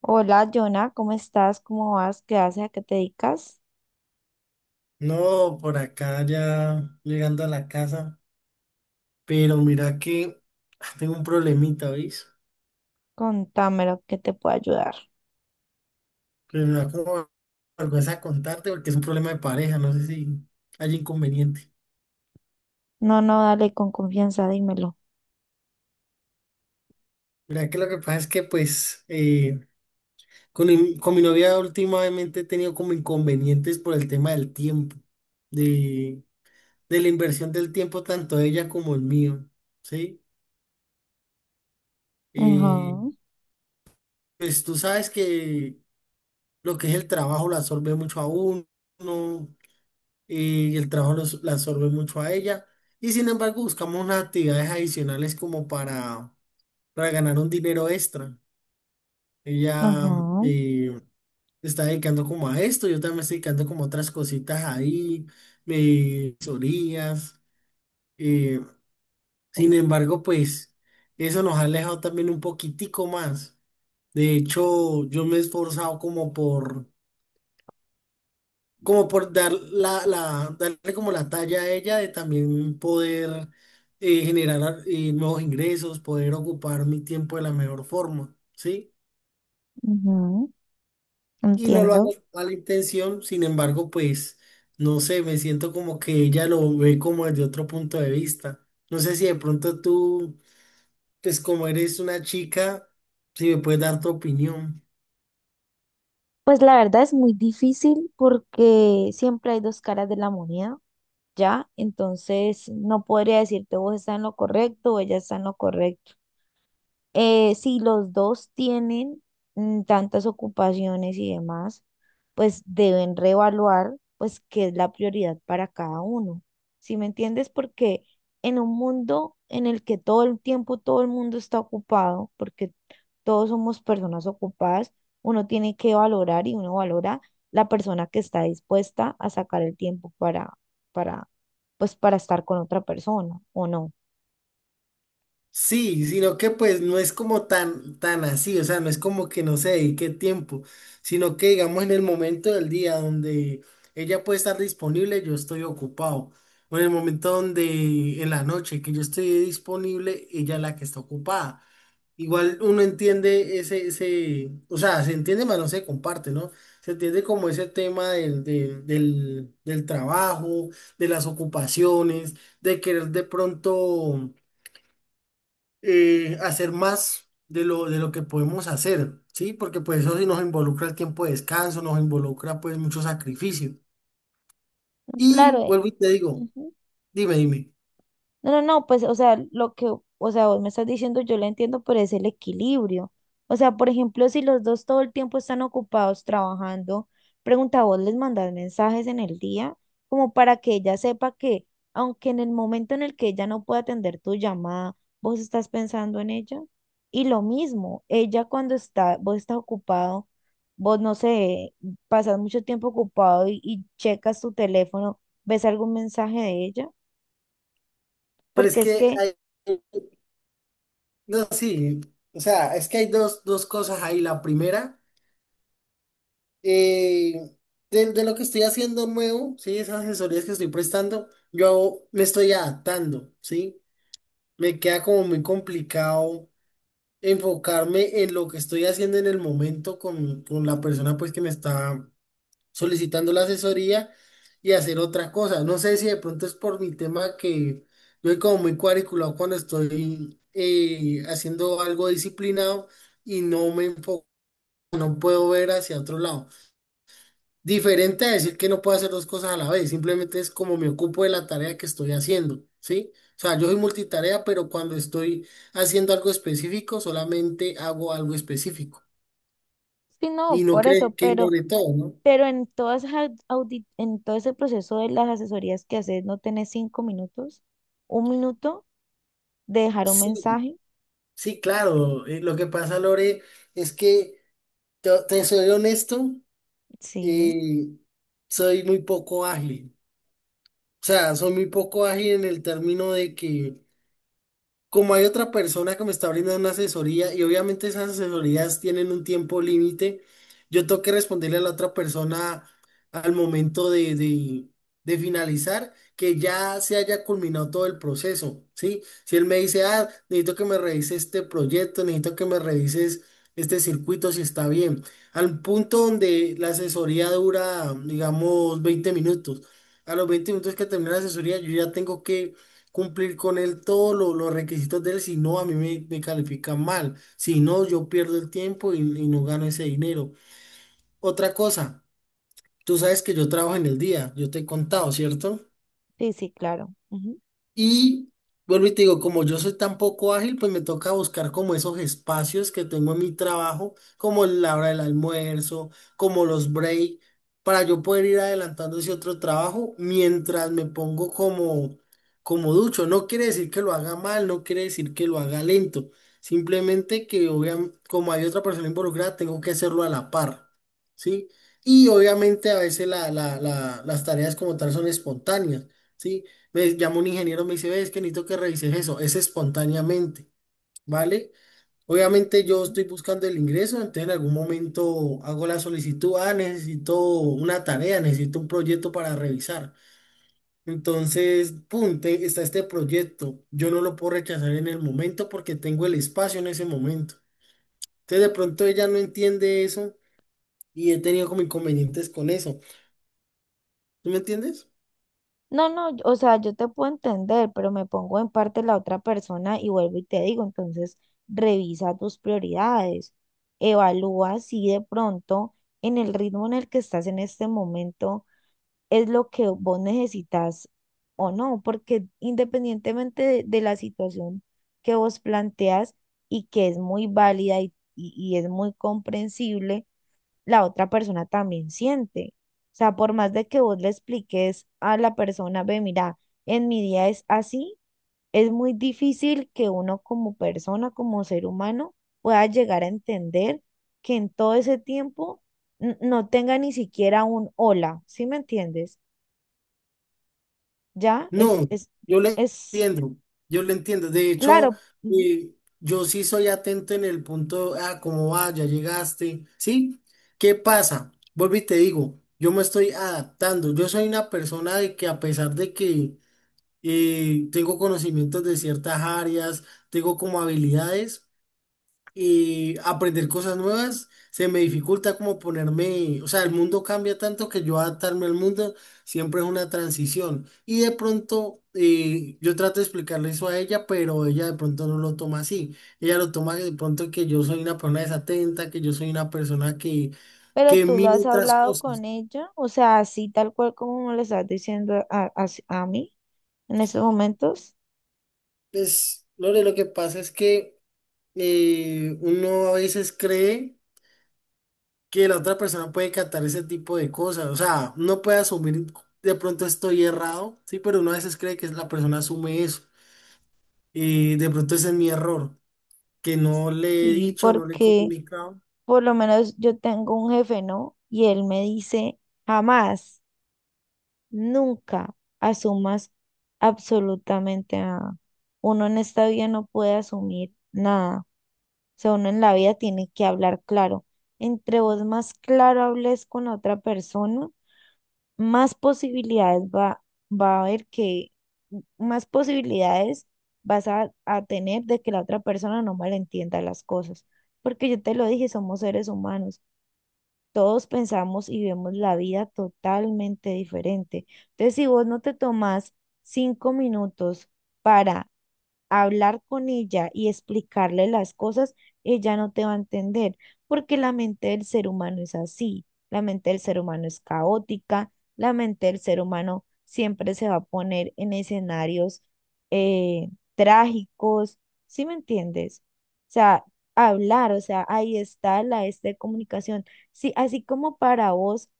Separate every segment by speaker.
Speaker 1: Hola, Jonah, ¿cómo estás? ¿Cómo vas? ¿Qué haces? ¿A qué te dedicas?
Speaker 2: No, por acá ya llegando a la casa, pero mira que tengo un problemita, ¿veis?
Speaker 1: Contámelo, que te puedo ayudar.
Speaker 2: Que me da como vergüenza contarte porque es un problema de pareja, no sé si hay inconveniente.
Speaker 1: No, no, dale con confianza, dímelo.
Speaker 2: Mira que lo que pasa es que pues con, con mi novia últimamente he tenido como inconvenientes por el tema del tiempo, de, de la inversión del tiempo tanto de ella como el mío, ¿sí?
Speaker 1: Ajá,
Speaker 2: Eh, pues tú sabes que lo que es el trabajo lo absorbe mucho a uno y el trabajo la absorbe mucho a ella. Y sin embargo, buscamos unas actividades adicionales como para ganar un dinero extra. Ella
Speaker 1: ajá,
Speaker 2: eh, se está dedicando como a esto, yo también me estoy dedicando como a otras cositas ahí, me orillas. eh, Sin embargo, pues eso nos ha alejado también un poquitico más. De hecho, yo me he esforzado como por como por dar darle como la talla a ella de también poder generar nuevos ingresos, poder ocupar mi tiempo de la mejor forma, ¿sí?
Speaker 1: ajá,
Speaker 2: Y no lo hago
Speaker 1: entiendo.
Speaker 2: con la intención, sin embargo, pues, no sé, me siento como que ella lo ve como desde otro punto de vista. No sé si de pronto tú, pues como eres una chica, si me puedes dar tu opinión.
Speaker 1: Pues la verdad es muy difícil porque siempre hay dos caras de la moneda, ¿ya? Entonces no podría decirte vos estás en lo correcto o ella está en lo correcto. Si los dos tienen mm, tantas ocupaciones y demás, pues deben reevaluar pues qué es la prioridad para cada uno. ¿Sí me entiendes? Porque en un mundo en el que todo el tiempo todo el mundo está ocupado, porque todos somos personas ocupadas, uno tiene que valorar y uno valora la persona que está dispuesta a sacar el tiempo para, pues para estar con otra persona o no.
Speaker 2: Sí, sino que pues no es como tan, tan así, o sea, no es como que no se dedique tiempo, sino que digamos en el momento del día donde ella puede estar disponible, yo estoy ocupado. O en el momento donde en la noche que yo estoy disponible, ella es la que está ocupada. Igual uno entiende ese, ese, o sea, se entiende, pero no se comparte, ¿no? Se entiende como ese tema del trabajo, de las ocupaciones, de querer de pronto hacer más de lo que podemos hacer, ¿sí? Porque pues eso sí nos involucra el tiempo de descanso, nos involucra pues mucho sacrificio. Y
Speaker 1: Claro,
Speaker 2: vuelvo y te digo,
Speaker 1: ujú.
Speaker 2: dime,
Speaker 1: No, no, no, pues, o sea, o sea, vos me estás diciendo, yo lo entiendo, pero es el equilibrio. O sea, por ejemplo, si los dos todo el tiempo están ocupados trabajando, pregunta vos, les mandar mensajes en el día, como para que ella sepa que, aunque en el momento en el que ella no pueda atender tu llamada, vos estás pensando en ella. Y lo mismo, ella cuando está, vos estás ocupado, vos no sé, pasas mucho tiempo ocupado y checas tu teléfono, ves algún mensaje de ella,
Speaker 2: pero es
Speaker 1: porque es
Speaker 2: que
Speaker 1: que
Speaker 2: no, sí, o sea, es que hay dos cosas ahí. La primera, eh, de lo que estoy haciendo nuevo, ¿sí? Esas asesorías que estoy prestando, yo me estoy adaptando, ¿sí? Me queda como muy complicado enfocarme en lo que estoy haciendo en el momento con la persona pues que me está solicitando la asesoría y hacer otra cosa. No sé si de pronto es por mi tema que yo soy como muy cuadriculado cuando estoy haciendo algo disciplinado y no me enfoco, no puedo ver hacia otro lado. Diferente a decir que no puedo hacer dos cosas a la vez, simplemente es como me ocupo de la tarea que estoy haciendo, ¿sí? O sea, yo soy multitarea, pero cuando estoy haciendo algo específico, solamente hago algo específico.
Speaker 1: sí,
Speaker 2: Y
Speaker 1: no,
Speaker 2: no
Speaker 1: por eso,
Speaker 2: cree que ignore todo, ¿no?
Speaker 1: pero en todas en todo ese proceso de las asesorías que haces, no tenés 5 minutos, un minuto de dejar un
Speaker 2: Sí,
Speaker 1: mensaje.
Speaker 2: sí, claro. Lo que pasa, Lore, es que te soy honesto,
Speaker 1: Sí,
Speaker 2: eh, soy muy poco ágil. O sea, soy muy poco ágil en el término de que como hay otra persona que me está brindando una asesoría y obviamente esas asesorías tienen un tiempo límite, yo tengo que responderle a la otra persona al momento de finalizar que ya se haya culminado todo el proceso, ¿sí? Si él me dice, ah, necesito que me revises este proyecto, necesito que me revises este circuito si está bien, al punto donde la asesoría dura, digamos, 20 minutos. A los 20 minutos que termina la asesoría, yo ya tengo que cumplir con él todos los requisitos de él, si no, a mí me califican mal. Si no, yo pierdo el tiempo y no gano ese dinero. Otra cosa, tú sabes que yo trabajo en el día, yo te he contado, ¿cierto?
Speaker 1: sí, sí, claro. Ujú.
Speaker 2: Y vuelvo y te digo, como yo soy tan poco ágil, pues me toca buscar como esos espacios que tengo en mi trabajo, como la hora del almuerzo, como los break, para yo poder ir adelantando ese otro trabajo mientras me pongo como ducho. No quiere decir que lo haga mal, no quiere decir que lo haga lento. Simplemente que obviamente, como hay otra persona involucrada, tengo que hacerlo a la par, ¿sí? Y obviamente a veces las tareas como tal son espontáneas. ¿Sí? Me llama un ingeniero, me dice, ves que necesito que revises eso, es espontáneamente, ¿vale? Obviamente yo
Speaker 1: Ujú.
Speaker 2: estoy buscando el ingreso, entonces en algún momento hago la solicitud, ah, necesito una tarea, necesito un proyecto para revisar. Entonces, pum, está este proyecto, yo no lo puedo rechazar en el momento porque tengo el espacio en ese momento. Entonces de pronto ella no entiende eso y he tenido como inconvenientes con eso. ¿Tú me entiendes?
Speaker 1: No, no, o sea, yo te puedo entender, pero me pongo en parte la otra persona y vuelvo y te digo, entonces revisa tus prioridades, evalúa si de pronto en el ritmo en el que estás en este momento es lo que vos necesitas o no, porque independientemente de la situación que vos planteas y que es muy válida y es muy comprensible, la otra persona también siente. O sea, por más de que vos le expliques a la persona, ve, mira, en mi día es así, es muy difícil que uno como persona, como ser humano, pueda llegar a entender que en todo ese tiempo no tenga ni siquiera un hola, ¿sí me entiendes? Ya,
Speaker 2: No, yo le
Speaker 1: es
Speaker 2: entiendo, yo le entiendo. De hecho,
Speaker 1: claro, ujú,
Speaker 2: eh, yo sí soy atento en el punto, ah, cómo va, ya llegaste, ¿sí? ¿Qué pasa? Vuelvo y te digo, yo me estoy adaptando. Yo soy una persona de que a pesar de que tengo conocimientos de ciertas áreas, tengo como habilidades y aprender cosas nuevas, se me dificulta como ponerme, o sea, el mundo cambia tanto que yo adaptarme al mundo siempre es una transición. Y de pronto yo trato de explicarle eso a ella, pero ella de pronto no lo toma así. Ella lo toma de pronto que yo soy una persona desatenta, que yo soy una persona
Speaker 1: pero
Speaker 2: que
Speaker 1: tú lo
Speaker 2: mira
Speaker 1: has
Speaker 2: otras
Speaker 1: hablado con
Speaker 2: cosas.
Speaker 1: ella, o sea, así tal cual como me lo estás diciendo a- a mí en estos momentos,
Speaker 2: Pues, Lore, lo que pasa es que uno a veces cree que la otra persona puede captar ese tipo de cosas. O sea, no puede asumir, de pronto estoy errado, sí, pero uno a veces cree que la persona asume eso. Y de pronto ese es mi error, que no le he
Speaker 1: y
Speaker 2: dicho, no le he
Speaker 1: porque
Speaker 2: comunicado.
Speaker 1: por lo menos yo tengo un jefe, ¿no? Y él me dice, jamás, nunca asumas absolutamente nada. Uno en esta vida no puede asumir nada, o sea, uno en la vida tiene que hablar claro, entre vos más claro hables con la otra persona, más posibilidades va, va a haber que, más posibilidades vas a tener de que la otra persona no malentienda las cosas. Porque yo te lo dije, somos seres humanos. Todos pensamos y vemos la vida totalmente diferente. Entonces, si vos no te tomás 5 minutos para hablar con ella y explicarle las cosas, ella no te va a entender, porque la mente del ser humano es así, la mente del ser humano es caótica, la mente del ser humano siempre se va a poner en escenarios trágicos, ¿sí me entiendes? O sea, hablar, o sea, ahí está la este de comunicación. Sí, así como para vos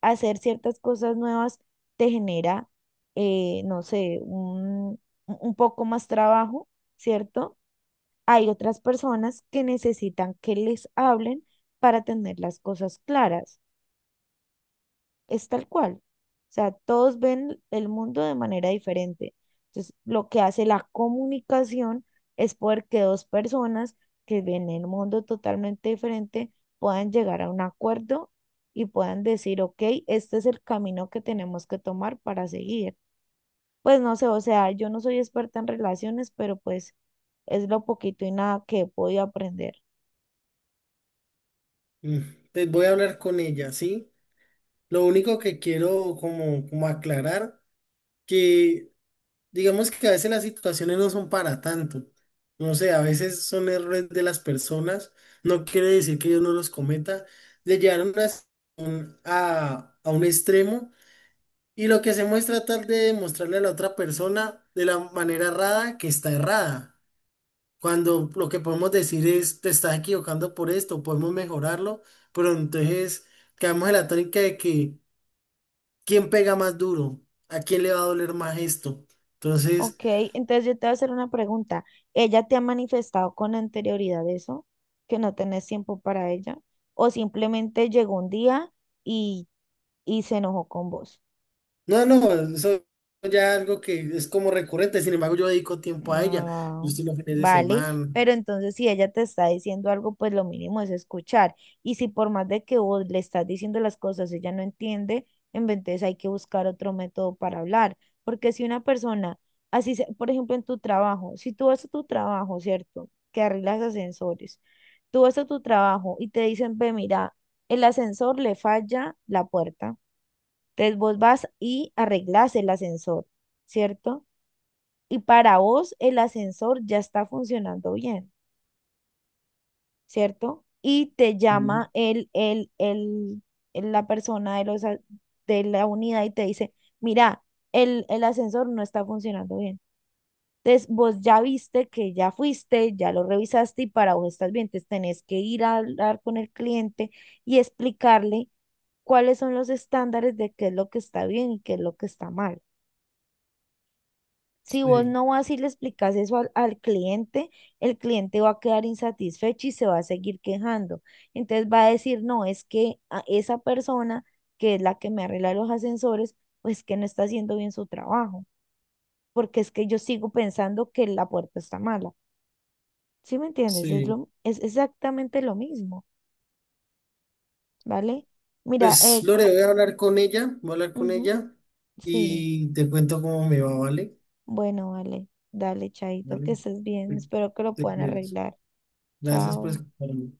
Speaker 1: hacer ciertas cosas nuevas te genera, no sé, un poco más trabajo, ¿cierto? Hay otras personas que necesitan que les hablen para tener las cosas claras, es tal cual. O sea, todos ven el mundo de manera diferente. Entonces, lo que hace la comunicación es poder que dos personas que ven el mundo totalmente diferente puedan llegar a un acuerdo y puedan decir, ok, este es el camino que tenemos que tomar para seguir. Pues no sé, o sea, yo no soy experta en relaciones, pero pues es lo poquito y nada que he podido aprender.
Speaker 2: Mm, pues voy a hablar con ella, ¿sí? Lo único que quiero como aclarar, que digamos que a veces las situaciones no son para tanto. No sé, a veces son errores de las personas. No quiere decir que yo no los cometa. Le llevaron a a un extremo y lo que hacemos es tratar de mostrarle a la otra persona de la manera errada que está errada. Cuando lo que podemos decir es, te estás equivocando por esto, podemos mejorarlo, pero entonces quedamos en la tónica de que quién pega más duro, a quién le va a doler más esto. Entonces...
Speaker 1: Ok, entonces yo te voy a hacer una pregunta. ¿Ella te ha manifestado con anterioridad eso? ¿Que no tenés tiempo para ella? ¿O simplemente llegó un día y, y se enojó con vos?
Speaker 2: No, no, eso ya algo que es como recurrente, sin embargo yo dedico tiempo a ella,
Speaker 1: Ah,
Speaker 2: justo los fines de
Speaker 1: vale,
Speaker 2: semana.
Speaker 1: pero entonces si ella te está diciendo algo, pues lo mínimo es escuchar. Y si por más de que vos le estás diciendo las cosas, ella no entiende, en vez de eso hay que buscar otro método para hablar. Porque si una persona, así, por ejemplo, en tu trabajo, si tú vas a tu trabajo, ¿cierto? Que arreglas ascensores, tú vas a tu trabajo y te dicen, ve, mira, el ascensor le falla la puerta. Entonces vos vas y arreglas el ascensor, ¿cierto? Y para vos el ascensor ya está funcionando bien, ¿cierto? Y te
Speaker 2: Mm,
Speaker 1: llama la persona de la unidad y te dice, mira, el ascensor no está funcionando bien. Entonces, vos ya viste que ya fuiste, ya lo revisaste y para vos estás bien. Entonces, tenés que ir a hablar con el cliente y explicarle cuáles son los estándares de qué es lo que está bien y qué es lo que está mal. Si vos
Speaker 2: sí,
Speaker 1: no vas y le explicas eso al cliente, el cliente va a quedar insatisfecho y se va a seguir quejando. Entonces va a decir, no, es que a esa persona que es la que me arregla los ascensores, pues que no está haciendo bien su trabajo, porque es que yo sigo pensando que la puerta está mala. ¿Sí me entiendes? Es
Speaker 2: sí.
Speaker 1: lo, es exactamente lo mismo, ¿vale? Mira,
Speaker 2: Pues Lore, voy a hablar con ella, voy a hablar con
Speaker 1: ujú,
Speaker 2: ella
Speaker 1: sí,
Speaker 2: y te cuento cómo me va, ¿vale?
Speaker 1: bueno, vale, dale, Chaito,
Speaker 2: ¿Vale?
Speaker 1: que estés bien,
Speaker 2: Te
Speaker 1: espero que lo
Speaker 2: Te
Speaker 1: puedan
Speaker 2: cuidas.
Speaker 1: arreglar.
Speaker 2: Gracias por
Speaker 1: Chao.
Speaker 2: escucharme.